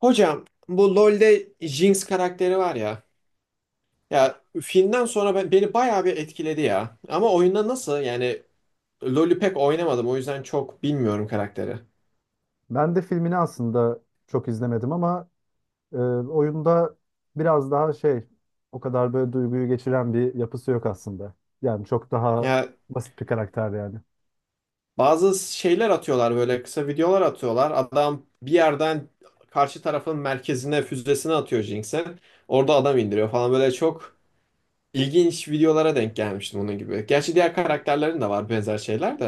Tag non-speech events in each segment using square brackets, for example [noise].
Hocam bu LoL'de Jinx karakteri var ya. Ya filmden sonra beni bayağı bir etkiledi ya. Ama oyunda nasıl yani, LoL'ü pek oynamadım o yüzden çok bilmiyorum karakteri. Ben de filmini aslında çok izlemedim ama oyunda biraz daha şey o kadar böyle duyguyu geçiren bir yapısı yok aslında. Yani çok daha Ya basit bir karakter yani. bazı şeyler atıyorlar böyle kısa videolar atıyorlar. Adam bir yerden karşı tarafın merkezine füzesini atıyor Jinx'e. Orada adam indiriyor falan böyle çok ilginç videolara denk gelmiştim bunun gibi. Gerçi diğer karakterlerin de var benzer şeyler de.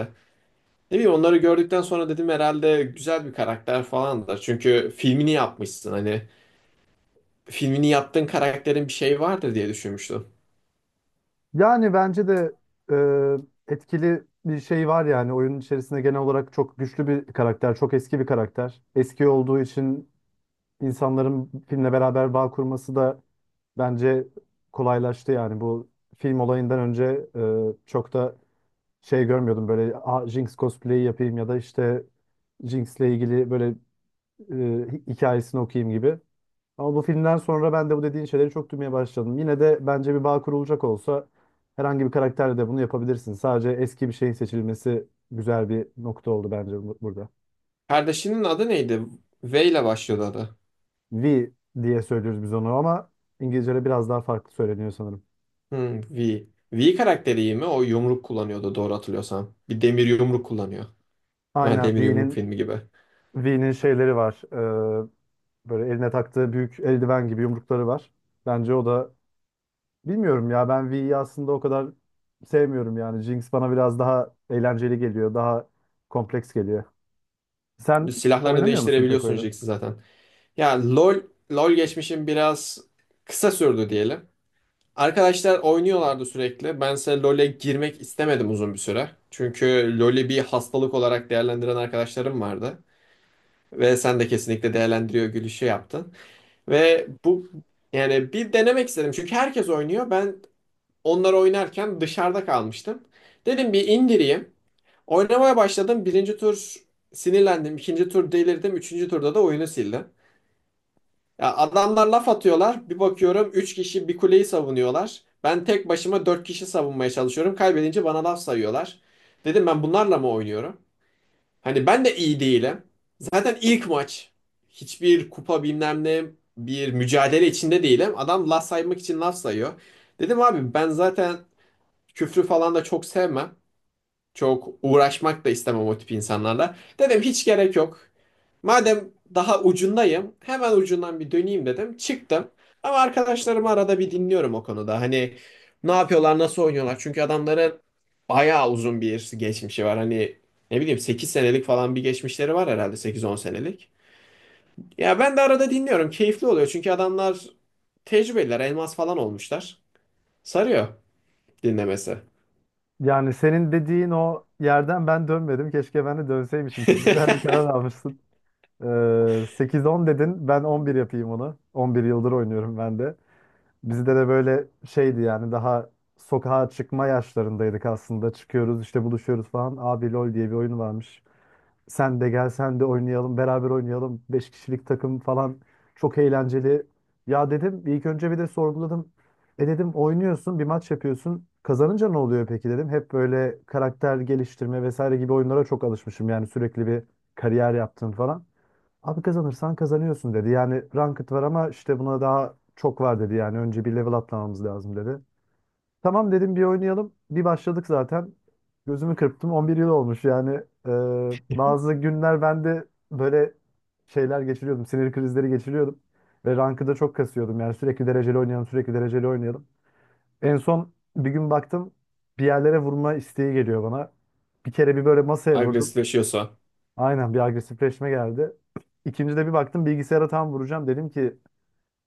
Ne bileyim onları gördükten sonra dedim herhalde güzel bir karakter falan da. Çünkü filmini yapmışsın hani filmini yaptığın karakterin bir şeyi vardır diye düşünmüştüm. Yani bence de etkili bir şey var yani oyunun içerisinde genel olarak çok güçlü bir karakter, çok eski bir karakter. Eski olduğu için insanların filmle beraber bağ kurması da bence kolaylaştı yani bu film olayından önce çok da şey görmüyordum böyle "Aa, Jinx cosplay'i yapayım ya da işte Jinx'le ilgili böyle e, hikayesini okuyayım" gibi. Ama bu filmden sonra ben de bu dediğin şeyleri çok duymaya başladım. Yine de bence bir bağ kurulacak olsa herhangi bir karakterle de bunu yapabilirsin. Sadece eski bir şeyin seçilmesi güzel bir nokta oldu bence burada. Kardeşinin adı neydi? V ile başlıyordu adı. V diye söylüyoruz biz onu ama İngilizce'de biraz daha farklı söyleniyor sanırım. Hmm, V. V karakteri iyi mi? O yumruk kullanıyordu doğru hatırlıyorsam. Bir demir yumruk kullanıyor. Ha, Aynen demir yumruk V'nin filmi gibi. V'nin şeyleri var. Böyle eline taktığı büyük eldiven gibi yumrukları var. Bence o da Bilmiyorum ya, ben V'yi aslında o kadar sevmiyorum yani. Jinx bana biraz daha eğlenceli geliyor, daha kompleks geliyor. Sen Silahlarını oynamıyor musun pek değiştirebiliyorsun oyunu? Jinx'i zaten. Ya LoL geçmişim biraz kısa sürdü diyelim. Arkadaşlar oynuyorlardı sürekli. Bense LoL'e girmek istemedim uzun bir süre. Çünkü LoL'i bir hastalık olarak değerlendiren arkadaşlarım vardı. Ve sen de kesinlikle değerlendiriyor gülüşü yaptın. Ve bu, yani bir denemek istedim. Çünkü herkes oynuyor. Onlar oynarken dışarıda kalmıştım. Dedim bir indireyim. Oynamaya başladım. Birinci tur sinirlendim. İkinci tur delirdim. Üçüncü turda da oyunu sildim. Ya adamlar laf atıyorlar. Bir bakıyorum 3 kişi bir kuleyi savunuyorlar. Ben tek başıma 4 kişi savunmaya çalışıyorum. Kaybedince bana laf sayıyorlar. Dedim ben bunlarla mı oynuyorum? Hani ben de iyi değilim. Zaten ilk maç. Hiçbir kupa bilmem ne bir mücadele içinde değilim. Adam laf saymak için laf sayıyor. Dedim abi ben zaten küfrü falan da çok sevmem. Çok uğraşmak da istemem o tip insanlarla. Dedim hiç gerek yok. Madem daha ucundayım, hemen ucundan bir döneyim dedim. Çıktım. Ama arkadaşlarımı arada bir dinliyorum o konuda. Hani ne yapıyorlar, nasıl oynuyorlar? Çünkü adamların bayağı uzun bir geçmişi var. Hani ne bileyim 8 senelik falan bir geçmişleri var herhalde, 8-10 senelik. Ya ben de arada dinliyorum. Keyifli oluyor çünkü adamlar tecrübeliler, elmas falan olmuşlar. Sarıyor dinlemesi. Yani senin dediğin o yerden ben dönmedim. Keşke ben de dönseymişim. Çok güzel bir [laughs] karar almışsın. 8-10 dedin. Ben 11 yapayım onu. 11 yıldır oynuyorum ben de. Bizde de böyle şeydi yani daha sokağa çıkma yaşlarındaydık aslında. Çıkıyoruz işte, buluşuyoruz falan. Abi LOL diye bir oyun varmış. Sen de gel, sen de oynayalım, beraber oynayalım. Beş kişilik takım falan, çok eğlenceli. Ya dedim ilk önce bir de sorguladım. E dedim, oynuyorsun bir maç yapıyorsun. Kazanınca ne oluyor peki dedim. Hep böyle karakter geliştirme vesaire gibi oyunlara çok alışmışım. Yani sürekli bir kariyer yaptım falan. Abi kazanırsan kazanıyorsun dedi. Yani ranked var ama işte buna daha çok var dedi. Yani önce bir level atlamamız lazım dedi. Tamam dedim, bir oynayalım. Bir başladık zaten. Gözümü kırptım, 11 yıl olmuş yani. Bazı günler ben de böyle şeyler geçiriyordum. Sinir krizleri geçiriyordum. Ve rankı da çok kasıyordum. Yani sürekli dereceli oynayalım, sürekli dereceli oynayalım. En son bir gün baktım bir yerlere vurma isteği geliyor bana. Bir kere bir böyle masaya vurdum. Agresifleşiyorsa. Aynen, bir agresifleşme geldi. İkinci de bir baktım bilgisayara tam vuracağım. Dedim ki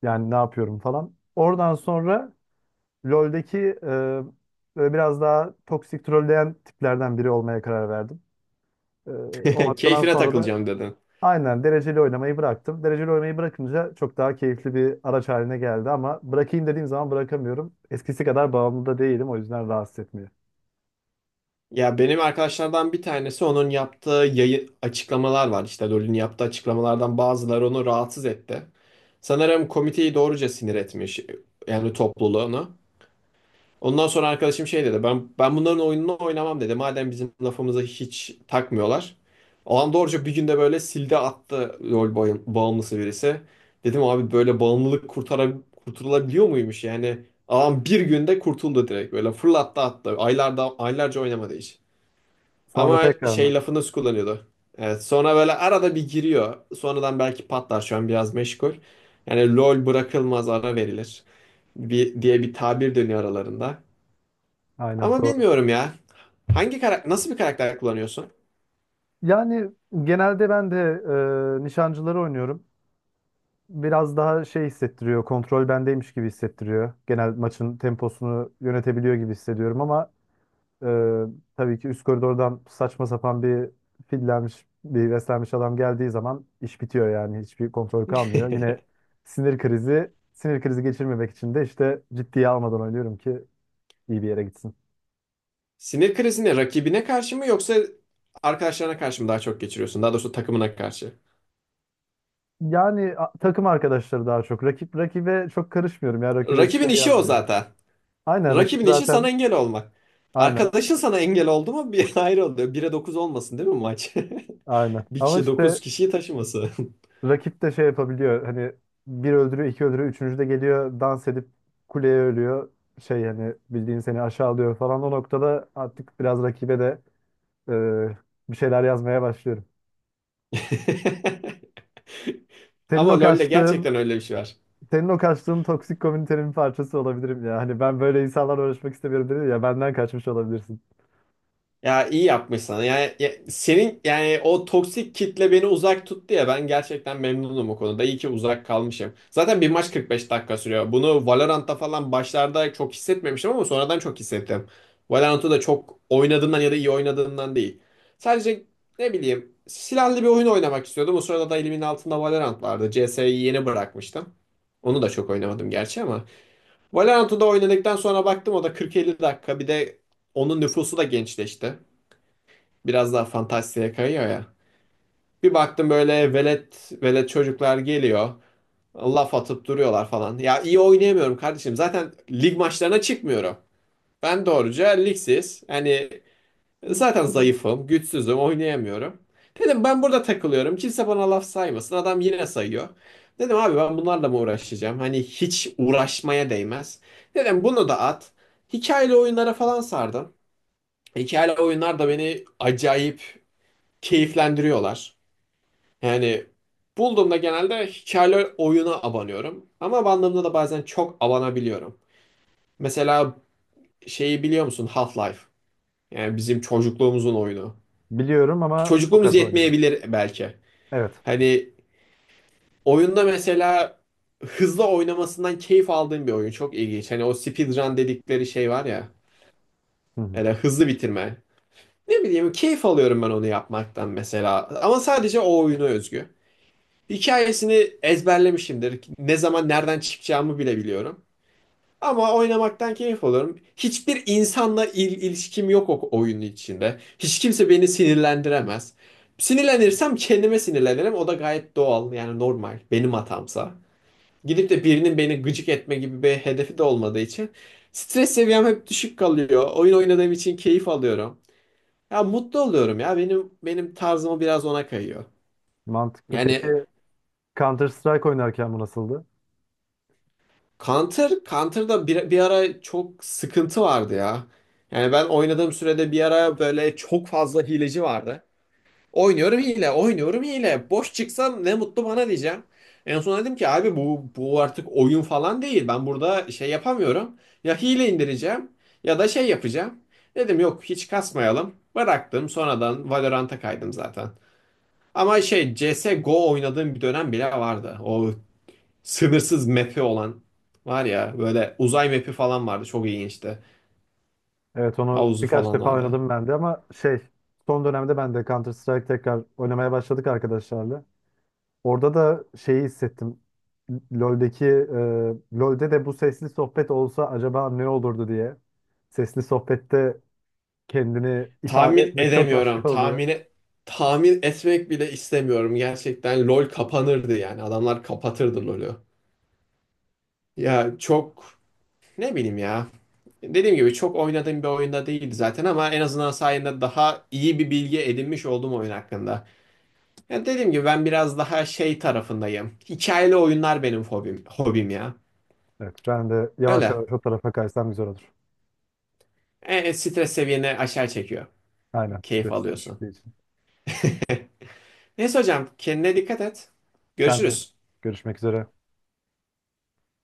yani ne yapıyorum falan. Oradan sonra LoL'deki böyle biraz daha toksik, trolleyen tiplerden biri olmaya karar verdim. E, O [laughs] noktadan Keyfine sonra da takılacağım dedin. aynen dereceli oynamayı bıraktım. Dereceli oynamayı bırakınca çok daha keyifli bir araç haline geldi ama bırakayım dediğim zaman bırakamıyorum. Eskisi kadar bağımlı da değilim, o yüzden rahatsız etmiyor. Ya benim arkadaşlardan bir tanesi onun yaptığı yayı açıklamalar var. İşte LoL'ün yaptığı açıklamalardan bazıları onu rahatsız etti. Sanırım komiteyi doğruca sinir etmiş. Yani topluluğunu. Ondan sonra arkadaşım şey dedi. Ben bunların oyununu oynamam dedi. Madem bizim lafımıza hiç takmıyorlar. Alan doğruca bir günde böyle sildi attı, LoL bağımlısı birisi. Dedim abi böyle bağımlılık kurtulabiliyor muymuş? Yani adam bir günde kurtuldu direkt. Böyle fırlattı attı. Aylarca oynamadı hiç. Sonra Ama tekrar mı? şey lafı nasıl kullanıyordu? Evet, sonra böyle arada bir giriyor. Sonradan belki patlar, şu an biraz meşgul. Yani LoL bırakılmaz, ara verilir. "Bir," diye bir tabir dönüyor aralarında. Aynen Ama doğru. bilmiyorum ya. Hangi karakter, nasıl bir karakter kullanıyorsun? Yani genelde ben de nişancıları oynuyorum. Biraz daha şey hissettiriyor, kontrol bendeymiş gibi hissettiriyor. Genel maçın temposunu yönetebiliyor gibi hissediyorum ama Ee, tabii ki üst koridordan saçma sapan bir fillenmiş, bir beslenmiş adam geldiği zaman iş bitiyor yani. Hiçbir kontrol kalmıyor. Yine [laughs] sinir krizi geçirmemek için de işte ciddiye almadan oynuyorum ki iyi bir yere gitsin. Sinir krizini rakibine karşı mı yoksa arkadaşlarına karşı mı daha çok geçiriyorsun? Daha doğrusu takımına karşı. Yani takım arkadaşları daha çok. Rakip rakibe çok karışmıyorum ya. Rakibe bir Rakibin şey işi o yazmıyorum. zaten. Aynen, rakip Rakibin işi sana zaten. engel olmak. Aynen. Arkadaşın sana engel oldu mu bir [laughs] ayrı oluyor. Bire 9 olmasın değil mi maç? Aynen. [laughs] Bir Ama kişi işte. 9 kişiyi taşıması. Rakip de şey yapabiliyor. Hani bir öldürüyor, iki öldürüyor, üçüncü de geliyor dans edip kuleye ölüyor. Şey, hani bildiğin seni aşağılıyor falan. O noktada artık biraz rakibe de e, bir şeyler yazmaya başlıyorum. [laughs] Senin o Ama LoL'le kaçtığın, gerçekten öyle bir şey var. senin o kaçtığın toksik komünitenin bir parçası olabilirim ya. Hani ben böyle insanlarla uğraşmak istemiyorum dedi ya, benden kaçmış olabilirsin. Ya iyi yapmışsın. Yani ya- senin yani o toksik kitle beni uzak tuttu ya, ben gerçekten memnunum o konuda. İyi ki uzak kalmışım. Zaten bir maç 45 dakika sürüyor. Bunu Valorant'ta falan başlarda çok hissetmemiştim ama sonradan çok hissettim. Valorant'ı da çok oynadığımdan ya da iyi oynadığımdan değil. Sadece ne bileyim silahlı bir oyun oynamak istiyordum. O sırada da elimin altında Valorant vardı. CS'yi yeni bırakmıştım. Onu da çok oynamadım gerçi ama. Valorant'ı da oynadıktan sonra baktım o da 40-50 dakika. Bir de onun nüfusu da gençleşti, biraz daha fantastiğe kayıyor ya. Bir baktım böyle velet velet çocuklar geliyor. Laf atıp duruyorlar falan. Ya iyi oynayamıyorum kardeşim. Zaten lig maçlarına çıkmıyorum. Ben doğruca ligsiz. Hani zaten zayıfım, güçsüzüm, oynayamıyorum. Dedim ben burada takılıyorum. Kimse bana laf saymasın. Adam yine sayıyor. Dedim abi ben bunlarla mı uğraşacağım? Hani hiç uğraşmaya değmez. Dedim bunu da at. Hikayeli oyunlara falan sardım. Hikayeli oyunlar da beni acayip keyiflendiriyorlar. Yani bulduğumda genelde hikayeli oyuna abanıyorum. Ama abandığımda da bazen çok abanabiliyorum. Mesela şeyi biliyor musun? Half-Life. Yani bizim çocukluğumuzun oyunu. Biliyorum ama çok Çocukluğumuz az oynadım. yetmeyebilir belki. Evet. Hani oyunda mesela hızlı oynamasından keyif aldığım bir oyun. Çok ilginç. Hani o speedrun dedikleri şey var ya. Hı hı. Yani hızlı bitirme. Ne bileyim keyif alıyorum ben onu yapmaktan mesela. Ama sadece o oyuna özgü. Hikayesini ezberlemişimdir. Ne zaman nereden çıkacağımı bile biliyorum. Ama oynamaktan keyif alıyorum. Hiçbir insanla ilişkim yok o oyunun içinde. Hiç kimse beni sinirlendiremez. Sinirlenirsem kendime sinirlenirim. O da gayet doğal, yani normal. Benim hatamsa. Gidip de birinin beni gıcık etme gibi bir hedefi de olmadığı için stres seviyem hep düşük kalıyor. Oyun oynadığım için keyif alıyorum. Ya mutlu oluyorum ya. Benim tarzıma biraz ona kayıyor. Mantıklı. Yani Peki Counter Strike oynarken bu nasıldı? Counter'da bir ara çok sıkıntı vardı ya. Yani ben oynadığım sürede bir ara böyle çok fazla hileci vardı. Oynuyorum hile, oynuyorum hile. Boş çıksam ne mutlu bana diyeceğim. En son dedim ki abi bu artık oyun falan değil. Ben burada şey yapamıyorum. Ya hile indireceğim ya da şey yapacağım. Dedim yok hiç kasmayalım. Bıraktım, sonradan Valorant'a kaydım zaten. Ama şey CS:GO oynadığım bir dönem bile vardı. O sınırsız map'i olan var ya, böyle uzay map'i falan vardı, çok ilginçti. Evet, onu Havuzu birkaç falan defa vardı. oynadım ben de ama şey, son dönemde ben de Counter Strike tekrar oynamaya başladık arkadaşlarla. Orada da şeyi hissettim. LoL'de de bu sesli sohbet olsa acaba ne olurdu diye. Sesli sohbette kendini ifade Tahmin etmek çok edemiyorum. başka oluyor. Tahmin etmek bile istemiyorum. Gerçekten LoL kapanırdı yani. Adamlar kapatırdı LoL'ü. Ya çok ne bileyim ya. Dediğim gibi çok oynadığım bir oyunda değildi zaten ama en azından sayende daha iyi bir bilgi edinmiş oldum oyun hakkında. Ya dediğim gibi ben biraz daha şey tarafındayım. Hikayeli oyunlar benim hobim, hobim ya. Evet, ben de yavaş Öyle. yavaş o tarafa kaysam güzel olur. Stres seviyeni aşağı çekiyor. Aynen, Keyif stres alıyorsun. düşüklüğü için. Neyse hocam kendine dikkat et. Sen de Görüşürüz. görüşmek üzere.